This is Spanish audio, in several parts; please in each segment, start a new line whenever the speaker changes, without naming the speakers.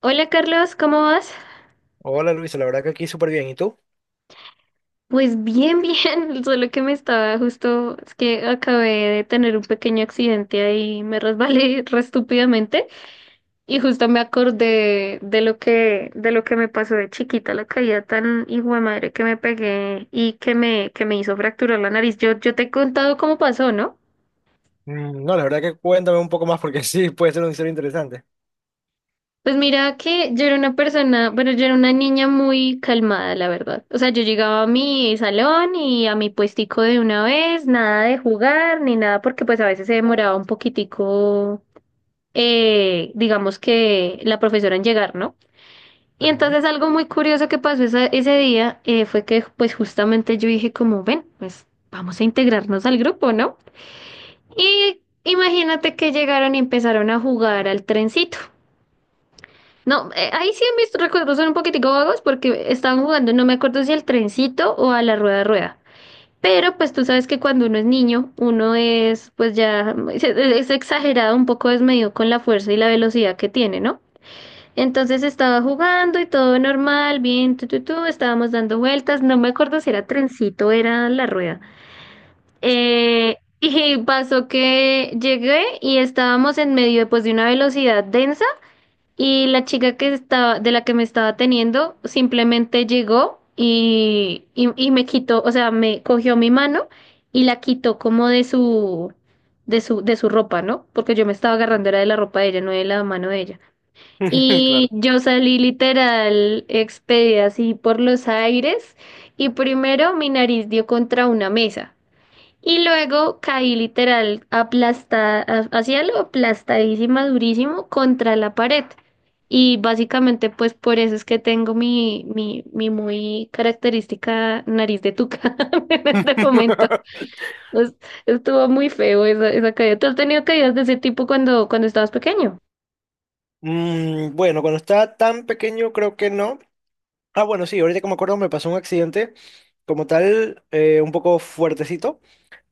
Hola Carlos, ¿cómo vas?
Hola Luisa, la verdad que aquí súper bien. ¿Y tú?
Pues bien, bien, solo que me estaba justo, es que acabé de tener un pequeño accidente ahí, me resbalé re estúpidamente y justo me acordé de lo que me pasó de chiquita, la caída tan hijo de madre que me pegué y que me hizo fracturar la nariz. Yo te he contado cómo pasó, ¿no?
Mm, no, la verdad que cuéntame un poco más porque sí, puede ser una historia interesante.
Pues mira que yo era una persona, bueno, yo era una niña muy calmada, la verdad. O sea, yo llegaba a mi salón y a mi puestico de una vez, nada de jugar ni nada, porque pues a veces se demoraba un poquitico, digamos que la profesora en llegar, ¿no? Y
Ajá.
entonces algo muy curioso que pasó ese día fue que pues justamente yo dije como, ven, pues vamos a integrarnos al grupo, ¿no? Y imagínate que llegaron y empezaron a jugar al trencito. No, ahí sí mis recuerdos son un poquitico vagos porque estaban jugando, no me acuerdo si al trencito o a la rueda de rueda. Pero pues tú sabes que cuando uno es niño, uno es pues ya es exagerado, un poco desmedido con la fuerza y la velocidad que tiene, ¿no? Entonces estaba jugando y todo normal, bien, estábamos dando vueltas, no me acuerdo si era trencito o era la rueda. Y pasó que llegué y estábamos en medio pues de una velocidad densa y la chica que estaba, de la que me estaba teniendo simplemente llegó y me quitó, o sea, me cogió mi mano y la quitó como de su, de su ropa, ¿no? Porque yo me estaba agarrando era de la ropa de ella, no de la mano de ella. Y
Claro.
yo salí literal expedida así por los aires y primero mi nariz dio contra una mesa. Y luego caí literal aplastada, hacia lo aplastadísima, durísimo contra la pared. Y básicamente, pues por eso es que tengo mi muy característica nariz de tuca en este momento. Es- estuvo muy feo esa, esa caída. ¿Tú has tenido caídas de ese tipo cuando, cuando estabas pequeño?
Bueno, cuando estaba tan pequeño creo que no. Ah, bueno, sí, ahorita como me acuerdo me pasó un accidente como tal, un poco fuertecito.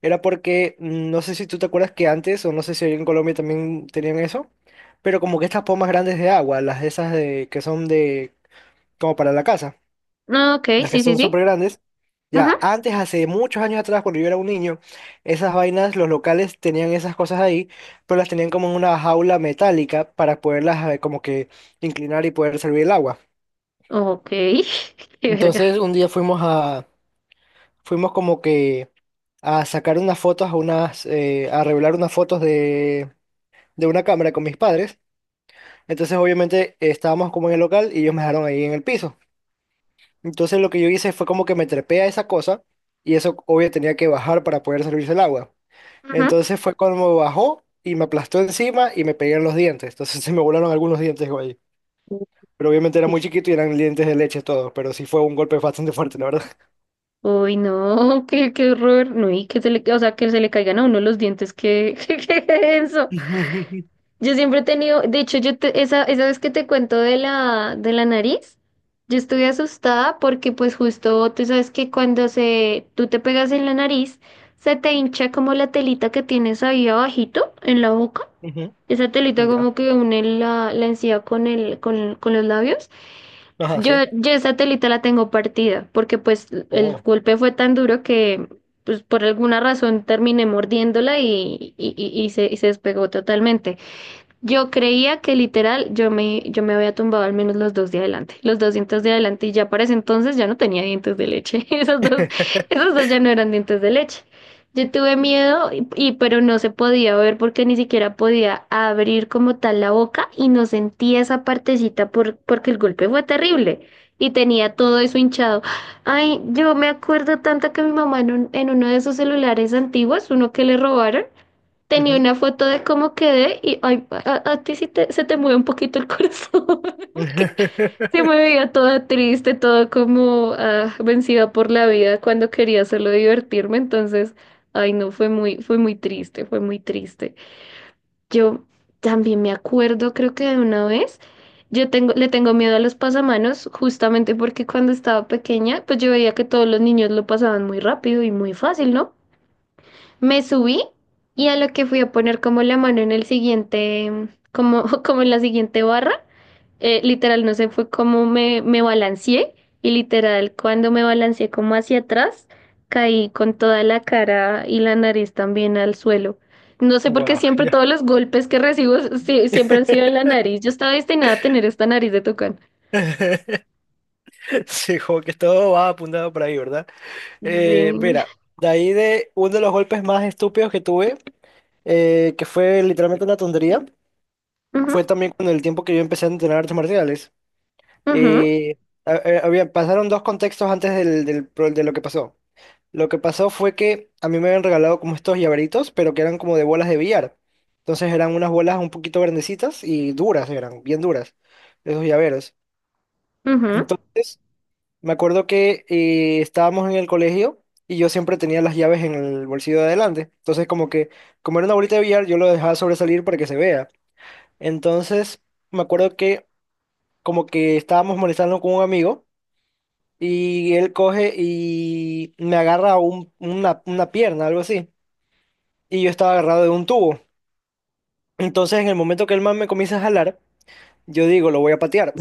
Era porque, no sé si tú te acuerdas que antes, o no sé si ahí en Colombia también tenían eso, pero como que estas pomas grandes de agua, las de esas de, que son de, como para la casa.
Ah, ok,
Las que
sí, sí,
son
sí.
súper grandes. Ya,
Ajá.
antes, hace muchos años atrás, cuando yo era un niño, esas vainas, los locales tenían esas cosas ahí, pero las tenían como en una jaula metálica para poderlas como que inclinar y poder servir el agua.
Ok, qué verga.
Entonces, un día fuimos a, fuimos como que a sacar unas fotos, a unas, a revelar unas fotos de una cámara con mis padres. Entonces, obviamente, estábamos como en el local y ellos me dejaron ahí en el piso. Entonces lo que yo hice fue como que me trepé a esa cosa y eso obvio tenía que bajar para poder servirse el agua.
Ajá.
Entonces fue como bajó y me aplastó encima y me pegué en los dientes. Entonces se me volaron algunos dientes güey. Pero obviamente era muy chiquito y eran dientes de leche todos, pero sí fue un golpe bastante fuerte, la verdad.
Uy, no, qué, qué horror. No, y que se le, o sea, que se le caigan a uno los dientes, qué, qué, eso. Yo siempre he tenido, de hecho, esa, esa vez que te cuento de la nariz, yo estuve asustada porque pues justo tú sabes que cuando se, tú te pegas en la nariz, se te hincha como la telita que tienes ahí abajito en la boca.
Ujú.
Esa telita
Ya.
como que une la, la encía con el, con los labios.
Ajá,
Yo,
sí.
yo esa telita la tengo partida, porque pues el
Oh.
golpe fue tan duro que pues por alguna razón terminé mordiéndola y se, y se despegó totalmente. Yo creía que literal yo me había tumbado al menos los dos de adelante, los dos dientes de adelante y ya para ese entonces ya no tenía dientes de leche, esos dos ya no eran dientes de leche. Yo tuve miedo pero no se podía ver porque ni siquiera podía abrir como tal la boca y no sentía esa partecita por, porque el golpe fue terrible y tenía todo eso hinchado. Ay, yo me acuerdo tanto que mi mamá en, en uno de esos celulares antiguos, uno que le robaron, tenía
Ujú.
una foto de cómo quedé y ay, a ti sí se te mueve un poquito el corazón, porque se me veía toda triste, toda como ah, vencida por la vida cuando quería solo divertirme, entonces, ay no, fue muy triste, fue muy triste. Yo también me acuerdo, creo que de una vez, yo tengo, le tengo miedo a los pasamanos, justamente porque cuando estaba pequeña, pues yo veía que todos los niños lo pasaban muy rápido y muy fácil, ¿no? Me subí y a lo que fui a poner como la mano en el siguiente, como, como en la siguiente barra, literal, no sé, fue como me balanceé y literal, cuando me balanceé como hacia atrás, caí con toda la cara y la nariz también al suelo. No sé por qué
Wow,
siempre
ya.
todos los golpes que recibo siempre han sido en la nariz. Yo estaba destinada a tener esta nariz de tucán.
Sí, como que todo va apuntado por ahí, ¿verdad?
Sí.
Mira, de ahí de uno de los golpes más estúpidos que tuve, que fue literalmente una tontería,
Ujú,
fue también con el tiempo que yo empecé a entrenar artes marciales.
ujú,
Eh, había, pasaron dos contextos antes del de lo que pasó. Lo que pasó fue que a mí me habían regalado como estos llaveritos, pero que eran como de bolas de billar. Entonces eran unas bolas un poquito grandecitas y duras, eran bien duras, esos llaveros.
ujú.
Entonces… Me acuerdo que estábamos en el colegio y yo siempre tenía las llaves en el bolsillo de adelante. Entonces, como que, como era una bolita de billar, yo lo dejaba sobresalir para que se vea. Entonces, me acuerdo que como que estábamos molestando con un amigo y él coge y me agarra una pierna, algo así. Y yo estaba agarrado de un tubo. Entonces, en el momento que el man me comienza a jalar, yo digo, lo voy a patear.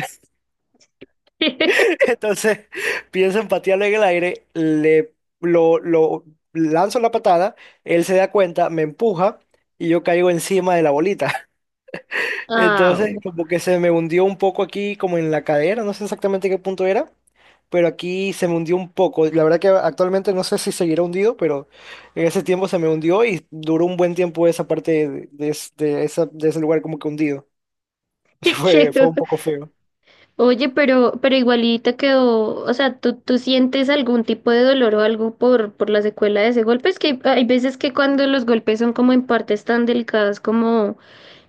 Entonces pienso en patearle en el aire, le lo lanzo la patada, él se da cuenta, me empuja y yo caigo encima de la bolita. Entonces
Au.
como que se me hundió un poco aquí como en la cadera, no sé exactamente qué punto era, pero aquí se me hundió un poco. La verdad que actualmente no sé si seguirá hundido, pero en ese tiempo se me hundió y duró un buen tiempo esa parte de de ese lugar como que hundido.
Qué.
Fue, fue un poco feo.
Oye, pero igualita quedó, o sea, ¿tú sientes algún tipo de dolor o algo por la secuela de ese golpe? Es que hay, veces que cuando los golpes son como en partes tan delicadas como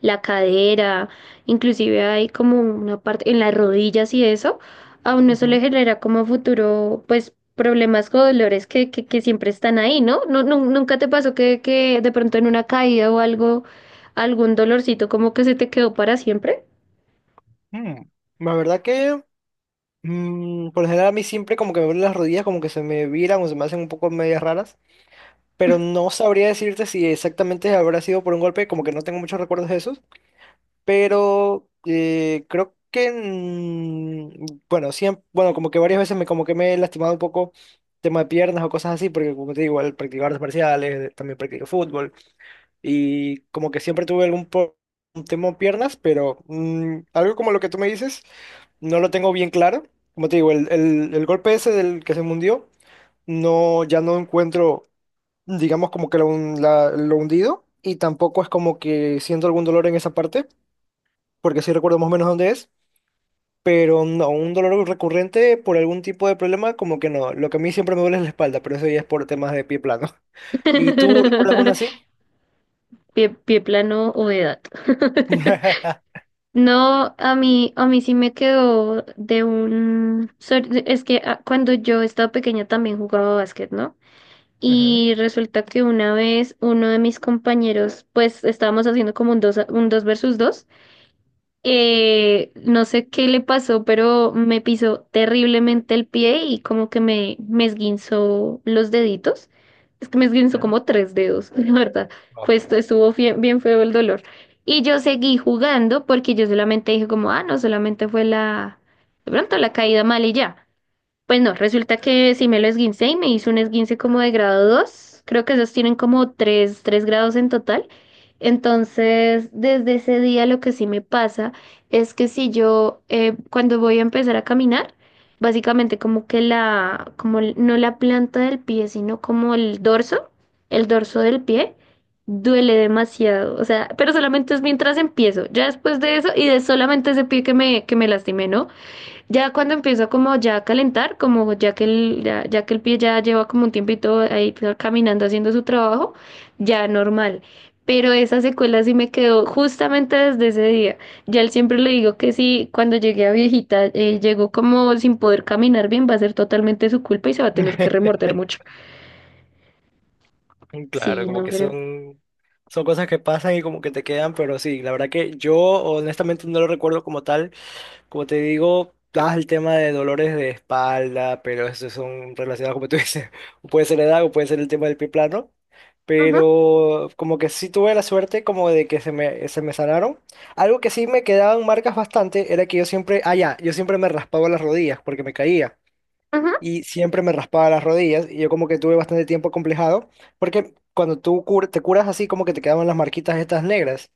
la cadera, inclusive hay como una parte en las rodillas y eso, a uno eso le
Ujú.
genera como futuro, pues, problemas o dolores que siempre están ahí, ¿no? No, no, ¿nunca te pasó que de pronto en una caída o algo, algún dolorcito como que se te quedó para siempre?
Mm. La verdad que, por lo general, a mí siempre como que me duelen las rodillas, como que se me viran o se me hacen un poco medias raras, pero no sabría decirte si exactamente habrá sido por un golpe, como que no tengo muchos recuerdos de esos. Pero creo que, bueno, siempre, bueno, como que varias veces me, como que me he lastimado un poco tema de piernas o cosas así, porque como te digo, al practicar artes marciales, también practico fútbol, y como que siempre tuve un tema de piernas, pero algo como lo que tú me dices, no lo tengo bien claro. Como te digo, el golpe ese del que se me hundió, no, ya no encuentro, digamos, como que lo, lo hundido, y tampoco es como que siento algún dolor en esa parte porque sí recuerdo más o menos dónde es, pero no, un dolor recurrente por algún tipo de problema, como que no. Lo que a mí siempre me duele es la espalda, pero eso ya es por temas de pie plano. ¿Y tú recuerdas uno así?
Pie, pie plano o edad. No, a mí sí me quedó de un... Es que ah, cuando yo estaba pequeña también jugaba básquet, ¿no?
Ujú.
Y resulta que una vez uno de mis compañeros, pues estábamos haciendo como un dos, un dos versus dos no sé qué le pasó, pero me pisó terriblemente el pie y como que me esguinzó los deditos. Es que me esguinzó
Ya.
como tres dedos, la verdad.
Wow.
Pues esto estuvo bien feo el dolor. Y yo seguí jugando porque yo solamente dije como, ah, no, solamente fue la, de pronto la caída mal y ya. Pues no, resulta que sí me lo esguincé y me hice un esguince como de grado 2, creo que esos tienen como tres, tres grados en total. Entonces, desde ese día lo que sí me pasa es que si yo, cuando voy a empezar a caminar, básicamente como que la, no la planta del pie, sino como el dorso del pie, duele demasiado. O sea, pero solamente es mientras empiezo. Ya después de eso y de solamente ese pie que me lastimé, ¿no? Ya cuando empieza como ya a calentar, como ya que el, ya, ya que el pie ya lleva como un tiempito ahí caminando haciendo su trabajo, ya normal. Pero esa secuela sí me quedó justamente desde ese día. Ya él siempre le digo que sí, cuando llegué a viejita, llegó como sin poder caminar bien, va a ser totalmente su culpa y se va a tener que remorder mucho.
Claro,
Sí,
como
no,
que
pero...
son, son cosas que pasan y como que te quedan, pero sí, la verdad que yo honestamente no lo recuerdo como tal. Como te digo, das el tema de dolores de espalda, pero esos son relacionados, como tú dices, o puede ser la edad o puede ser el tema del pie plano.
Ajá,
Pero como que sí tuve la suerte como de que se me sanaron. Algo que sí me quedaban marcas bastante era que yo siempre, ah ya, yo siempre me raspaba las rodillas porque me caía.
ajá.
Y siempre me raspaba las rodillas y yo como que tuve bastante tiempo complejado porque cuando tú te curas así como que te quedaban las marquitas estas negras.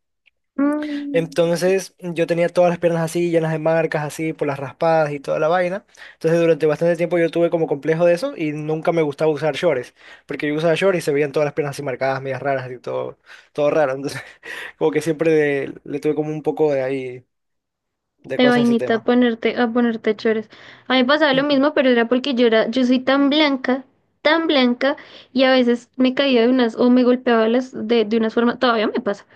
Mm.
Entonces yo tenía todas las piernas así, llenas de marcas así, por las raspadas y toda la vaina. Entonces durante bastante tiempo yo tuve como complejo de eso y nunca me gustaba usar shorts, porque yo usaba shorts y se veían todas las piernas así marcadas, medias raras y todo, todo raro. Entonces como que siempre le tuve como un poco de ahí, de
De
cosas a ese
vainita
tema.
a ponerte chores. A mí me pasaba lo
Ujú.
mismo, pero era porque yo era, yo soy tan blanca, y a veces me caía de unas, o me golpeaba las, de unas formas, todavía me pasa,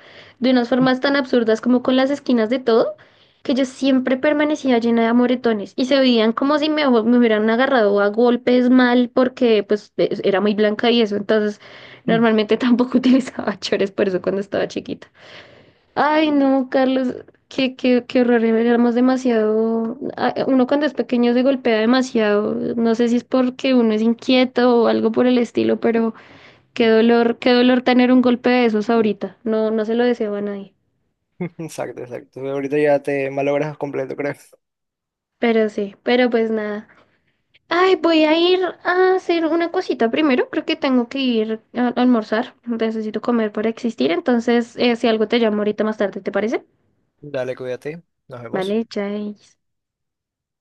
de unas formas tan absurdas como con las esquinas de todo, que yo siempre permanecía llena de amoretones, y se veían como si me, me hubieran agarrado a golpes mal, porque pues era muy blanca y eso, entonces normalmente tampoco utilizaba chores por eso cuando estaba chiquita. Ay, no, Carlos, qué, qué, qué horror, éramos demasiado, ah, uno cuando es pequeño se golpea demasiado, no sé si es porque uno es inquieto o algo por el estilo, pero qué dolor tener un golpe de esos ahorita, no, no se lo deseo a nadie,
Exacto, exacto. Ahorita ya te malogras completo, creo.
pero sí, pero pues nada. Ay, voy a ir a hacer una cosita primero, creo que tengo que ir a almorzar, necesito comer para existir, entonces si algo te llamo ahorita más tarde, ¿te parece?
Dale, cuídate. Nos vemos.
Vale, chais.